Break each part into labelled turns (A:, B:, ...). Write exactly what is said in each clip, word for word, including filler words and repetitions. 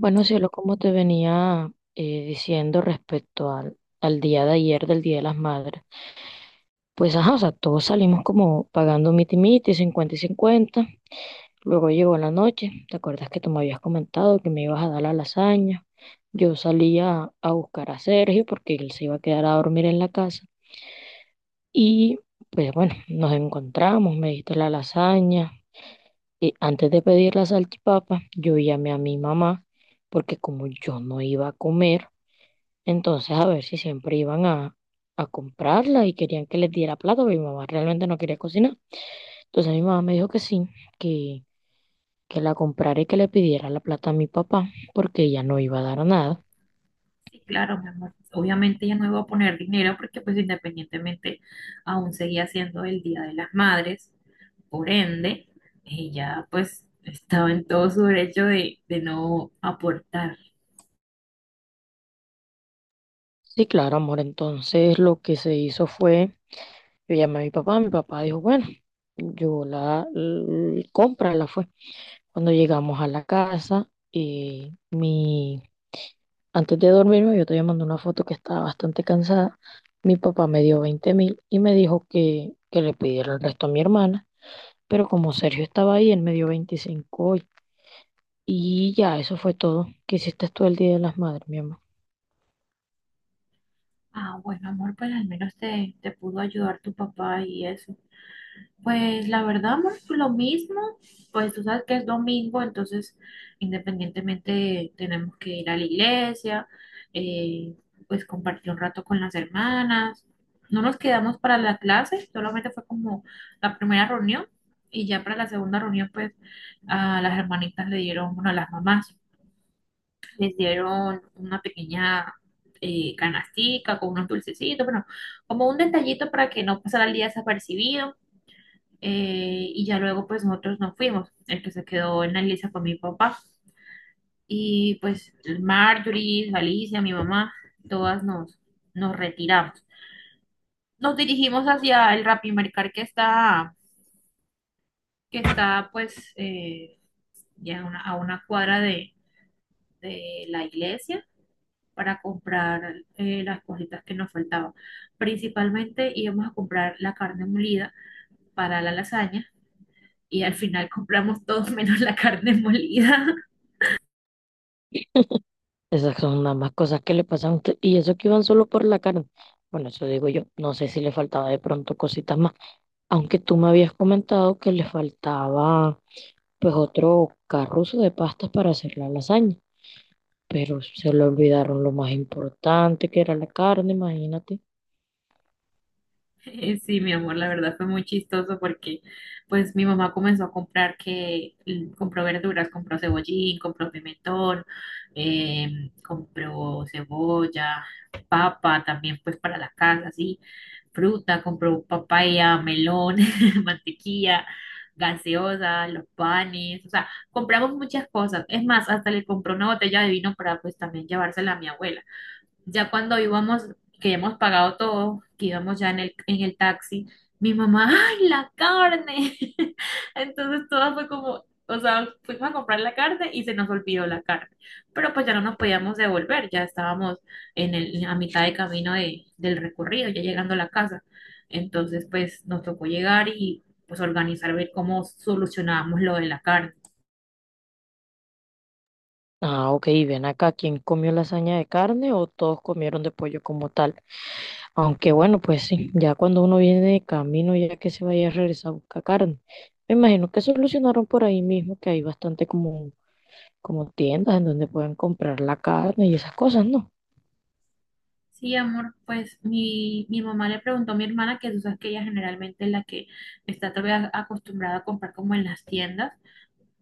A: Bueno, cielo, como te venía eh, diciendo respecto al, al día de ayer, del Día de las Madres, pues ajá, o sea, todos salimos como pagando miti miti, cincuenta y cincuenta. Luego llegó la noche. ¿Te acuerdas que tú me habías comentado que me ibas a dar la lasaña? Yo salía a a buscar a Sergio porque él se iba a quedar a dormir en la casa. Y pues bueno, nos encontramos, me diste la lasaña. Y antes de pedir la salchipapa, yo llamé a mi mamá porque como yo no iba a comer, entonces, a ver si siempre iban a, a comprarla y querían que les diera plata, pero mi mamá realmente no quería cocinar. Entonces mi mamá me dijo que sí, que, que la comprara y que le pidiera la plata a mi papá, porque ella no iba a dar nada.
B: Sí, claro, mi amor. Obviamente ya no iba a poner dinero porque pues independientemente aún seguía siendo el Día de las Madres, por ende, ella pues estaba en todo su derecho de, de no aportar.
A: Sí, claro, amor. Entonces lo que se hizo fue, yo llamé a mi papá, mi papá dijo, bueno, yo la, l- compra la fue. Cuando llegamos a la casa, eh, mi, antes de dormirme, yo te mandé una foto que estaba bastante cansada. Mi papá me dio veinte mil y me dijo que, que le pidiera el resto a mi hermana, pero como Sergio estaba ahí, él me dio veinticinco hoy. Y ya, eso fue todo. ¿Qué hiciste tú el Día de las Madres, mi amor?
B: Ah, bueno, amor, pues al menos te, te pudo ayudar tu papá y eso. Pues la verdad, amor, pues, lo mismo, pues tú sabes que es domingo, entonces independientemente tenemos que ir a la iglesia, eh, pues compartir un rato con las hermanas. No nos quedamos para la clase, solamente fue como la primera reunión y ya para la segunda reunión pues a las hermanitas le dieron, bueno, a las mamás les dieron una pequeña eh, canastica con unos dulcecitos, bueno, como un detallito para que no pasara el día desapercibido. Eh, y ya luego pues nosotros nos fuimos. El que se quedó en la lista fue mi papá. Y pues Marjorie, Alicia, mi mamá, todas nos, nos retiramos. Nos dirigimos hacia el Rapimericar que está, que está pues eh, ya a una, a una cuadra de, de la iglesia para comprar eh, las cositas que nos faltaban. Principalmente íbamos a comprar la carne molida para la lasaña y al final compramos todos menos la carne molida.
A: Esas son nada más cosas que le pasan a usted. Y eso que iban solo por la carne. Bueno, eso digo yo. No sé si le faltaba de pronto cositas más. Aunque tú me habías comentado que le faltaba pues otro carruzo de pastas para hacer la lasaña. Pero se le olvidaron lo más importante que era la carne, imagínate.
B: Eh, Sí, mi amor, la verdad fue muy chistoso porque pues mi mamá comenzó a comprar que mm, compró verduras, compró cebollín, compró pimentón, eh, compró cebolla, papa también pues para la casa, sí, fruta, compró papaya, melón, mantequilla, gaseosa, los panes, o sea, compramos muchas cosas. Es más, hasta le compró una botella de vino para pues también llevársela a mi abuela. Ya cuando íbamos, que ya hemos pagado todo, que íbamos ya en el, en el taxi, mi mamá, ¡ay, la carne! Entonces todo fue como, o sea, fuimos a comprar la carne y se nos olvidó la carne. Pero pues ya no nos podíamos devolver, ya estábamos en el, a mitad de camino de, del recorrido, ya llegando a la casa. Entonces pues nos tocó llegar y pues organizar, ver cómo solucionábamos lo de la carne.
A: Ah, ok, y ven acá, ¿quién comió lasaña de carne o todos comieron de pollo como tal? Aunque bueno, pues sí, ya cuando uno viene de camino, ya que se vaya a regresar a buscar carne, me imagino que solucionaron por ahí mismo que hay bastante como, como tiendas en donde pueden comprar la carne y esas cosas, ¿no?
B: Sí, amor, pues mi, mi mamá le preguntó a mi hermana que tú sabes que ella generalmente es la que está todavía acostumbrada a comprar como en las tiendas,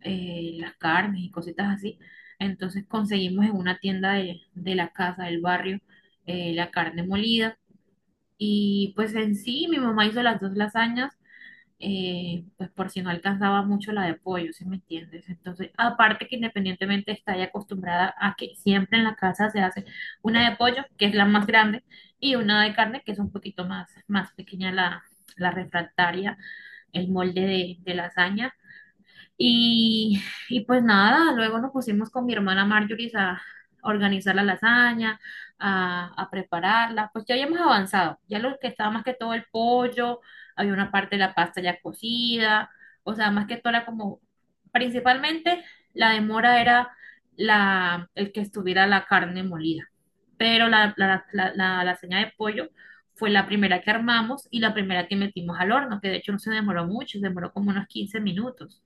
B: eh, las carnes y cositas así. Entonces conseguimos en una tienda de, de la casa, del barrio, eh, la carne molida. Y pues en sí, mi mamá hizo las dos lasañas eh, pues por si no alcanzaba mucho la de pollo, ¿sí me entiendes? Entonces, aparte que independientemente está ya acostumbrada a que siempre en la casa se hace una de pollo, que es la más grande, y una de carne, que es un poquito más, más pequeña la, la refractaria, el molde de, de lasaña y, y pues nada, luego nos pusimos con mi hermana Marjorie a organizar la lasaña, a, a prepararla. Pues ya habíamos avanzado, ya lo que estaba más que todo el pollo, había una parte de la pasta ya cocida, o sea, más que todo era como, principalmente la demora era la, el que estuviera la carne molida, pero la, la, la, la lasaña de pollo fue la primera que armamos y la primera que metimos al horno, que de hecho no se demoró mucho, se demoró como unos quince minutos.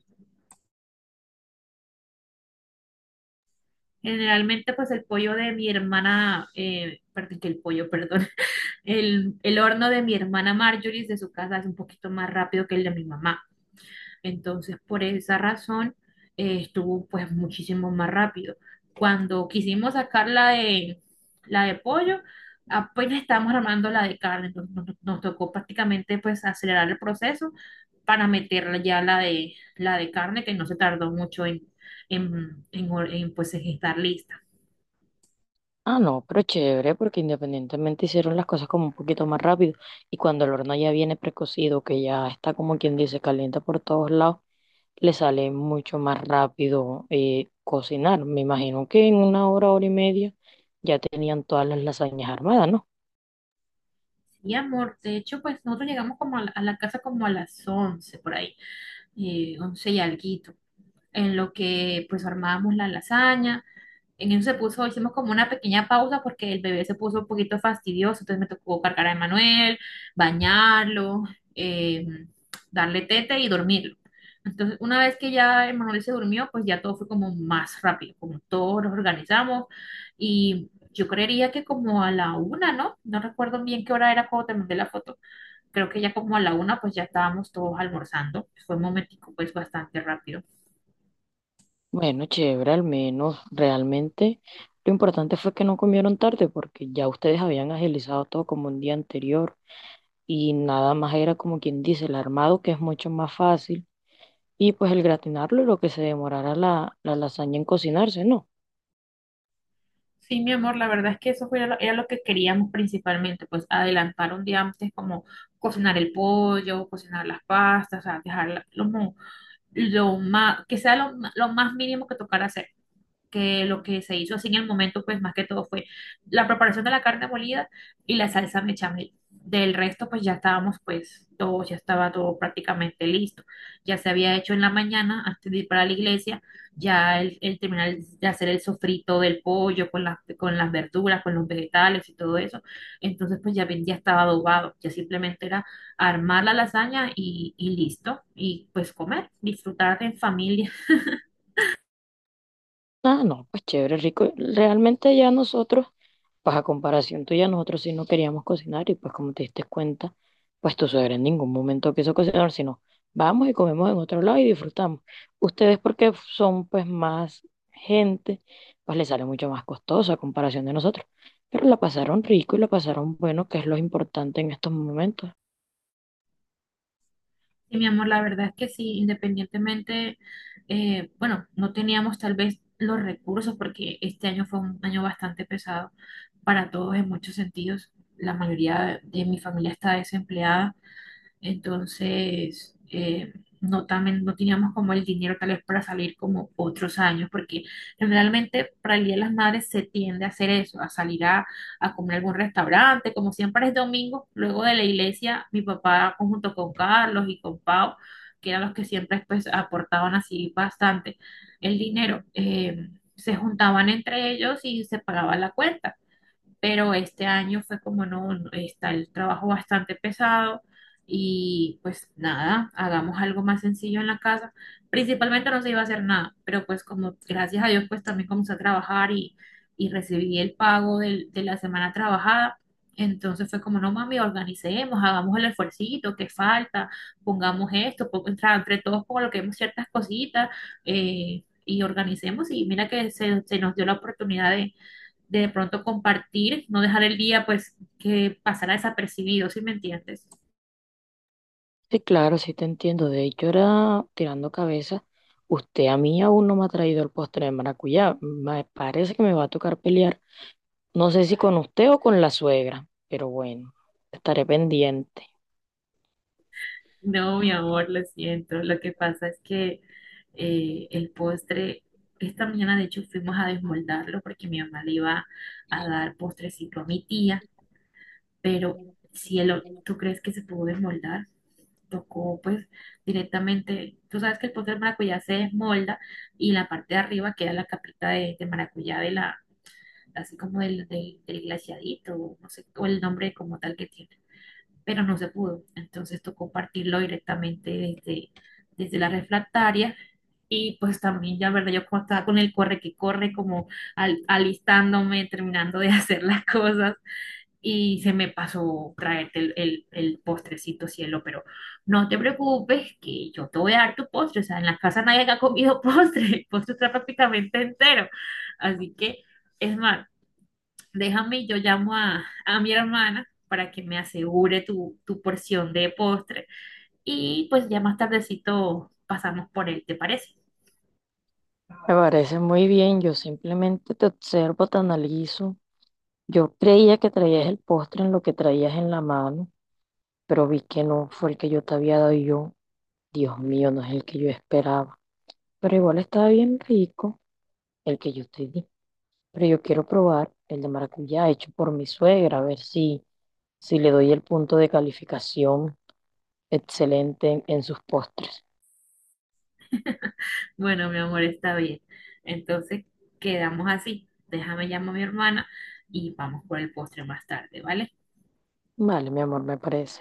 B: Generalmente, pues el pollo de mi hermana, eh, perdón, que el pollo, perdón, el, el horno de mi hermana Marjorie de su casa es un poquito más rápido que el de mi mamá. Entonces, por esa razón, eh, estuvo pues muchísimo más rápido. Cuando quisimos sacar la de, la de pollo, apenas estábamos armando la de carne, entonces nos, nos tocó prácticamente pues acelerar el proceso para meterla ya la de, la de carne, que no se tardó mucho en, en, en, en, pues, en estar lista.
A: Ah, no, pero chévere, porque independientemente hicieron las cosas como un poquito más rápido, y cuando el horno ya viene precocido, que ya está como quien dice, caliente por todos lados, le sale mucho más rápido eh, cocinar. Me imagino que en una hora, hora y media ya tenían todas las lasañas armadas, ¿no?
B: Sí, amor, de hecho, pues nosotros llegamos como a la, a la casa como a las once por ahí, eh, once y alguito, en lo que pues armábamos la lasaña, en eso se puso, hicimos como una pequeña pausa porque el bebé se puso un poquito fastidioso, entonces me tocó cargar a Emanuel, bañarlo, eh, darle tete y dormirlo. Entonces, una vez que ya Emanuel se durmió, pues ya todo fue como más rápido, como todos nos organizamos y... Yo creería que como a la una, ¿no? No recuerdo bien qué hora era cuando te mandé la foto. Creo que ya como a la una, pues ya estábamos todos almorzando. Fue un momentico, pues bastante rápido.
A: Bueno, chévere, al menos realmente lo importante fue que no comieron tarde porque ya ustedes habían agilizado todo como un día anterior y nada más era como quien dice el armado, que es mucho más fácil, y pues el gratinarlo y lo que se demorara la, la lasaña en cocinarse, ¿no?
B: Sí, mi amor, la verdad es que eso fue lo- era lo que queríamos principalmente, pues adelantar un día antes como cocinar el pollo, cocinar las pastas, o sea, dejar la- lo, mo- lo más, que sea lo, ma- lo más mínimo que tocara hacer. Que lo que se hizo así en el momento, pues más que todo fue la preparación de la carne molida y la salsa bechamel. Del resto, pues ya estábamos, pues todo, ya estaba todo prácticamente listo. Ya se había hecho en la mañana antes de ir para la iglesia, ya el, el terminar de hacer el sofrito del pollo con las, con las verduras, con los vegetales y todo eso. Entonces, pues ya, ven- ya estaba adobado, ya simplemente era armar la lasaña y, y listo, y pues comer, disfrutar en familia.
A: Ah, no, pues chévere, rico. Realmente ya nosotros, pues a comparación tuya, nosotros sí no queríamos cocinar y pues como te diste cuenta, pues tu suegra en ningún momento quiso cocinar, sino vamos y comemos en otro lado y disfrutamos. Ustedes porque son pues más gente, pues les sale mucho más costoso a comparación de nosotros. Pero la pasaron rico y la pasaron bueno, que es lo importante en estos momentos.
B: Sí, mi amor, la verdad es que sí, independientemente, eh, bueno, no teníamos tal vez los recursos porque este año fue un año bastante pesado para todos en muchos sentidos. La mayoría de mi familia está desempleada entonces, eh, no, también, no teníamos como el dinero tal vez para salir como otros años, porque generalmente para el Día de las Madres se tiende a hacer eso, a salir a, a comer a algún restaurante, como siempre es domingo, luego de la iglesia, mi papá junto con Carlos y con Pau, que eran los que siempre pues aportaban así bastante el dinero, eh, se juntaban entre ellos y se pagaba la cuenta. Pero este año fue como no, no, está el trabajo bastante pesado y pues nada, hagamos algo más sencillo en la casa. Principalmente no se iba a hacer nada, pero pues como gracias a Dios pues también comencé a trabajar y, y recibí el pago del- de la semana trabajada. Entonces fue como, no mami, organicemos, hagamos el esfuercito que falta, pongamos esto, po- entre entre todos coloquemos ciertas cositas eh, y organicemos. Y mira que se, se nos dio la oportunidad de pronto compartir, no dejar el día pues que pasara desapercibido, ¿sí me entiendes?
A: Sí, claro, sí te entiendo. De hecho, era tirando cabeza. Usted a mí aún no me ha traído el postre de maracuyá. Me parece que me va a tocar pelear. No sé si con usted o con la suegra, pero bueno, estaré pendiente.
B: No, mi amor, lo siento. Lo que pasa es que eh, el postre, esta mañana de hecho fuimos a desmoldarlo porque mi mamá le iba a dar postrecito a mi tía, pero
A: Me
B: cielo, ¿tú crees que se pudo desmoldar? Tocó pues directamente, tú sabes que el postre de maracuyá se desmolda y la parte de arriba queda la capita de, de maracuyá de la, así como del, del, del glaciadito, o no sé, o el nombre como tal que tiene, pero no se pudo. Entonces tocó partirlo directamente desde, desde la refractaria. Y pues también, ya verdad, yo como estaba con el corre que corre, como al- alistándome, terminando de hacer las cosas, y se me pasó traerte el, el, el postrecito, cielo, pero no te preocupes, que yo te voy a dar tu postre, o sea, en la casa nadie ha comido postre, el postre está prácticamente entero, así que, es más, déjame, yo llamo a, a mi hermana para que me asegure tu, tu porción de postre. Y pues ya más tardecito pasamos por él, ¿te parece?
A: parece muy bien, yo simplemente te observo, te analizo. Yo creía que traías el postre en lo que traías en la mano, pero vi que no fue el que yo te había dado y yo. Dios mío, no es el que yo esperaba. Pero igual estaba bien rico el que yo te di. Pero yo quiero probar el de maracuyá hecho por mi suegra, a ver si, si le doy el punto de calificación excelente en sus postres.
B: Bueno, mi amor, está bien. Entonces quedamos así. Déjame llamo a mi hermana y vamos por el postre más tarde, ¿vale?
A: Vale, mi amor, me parece.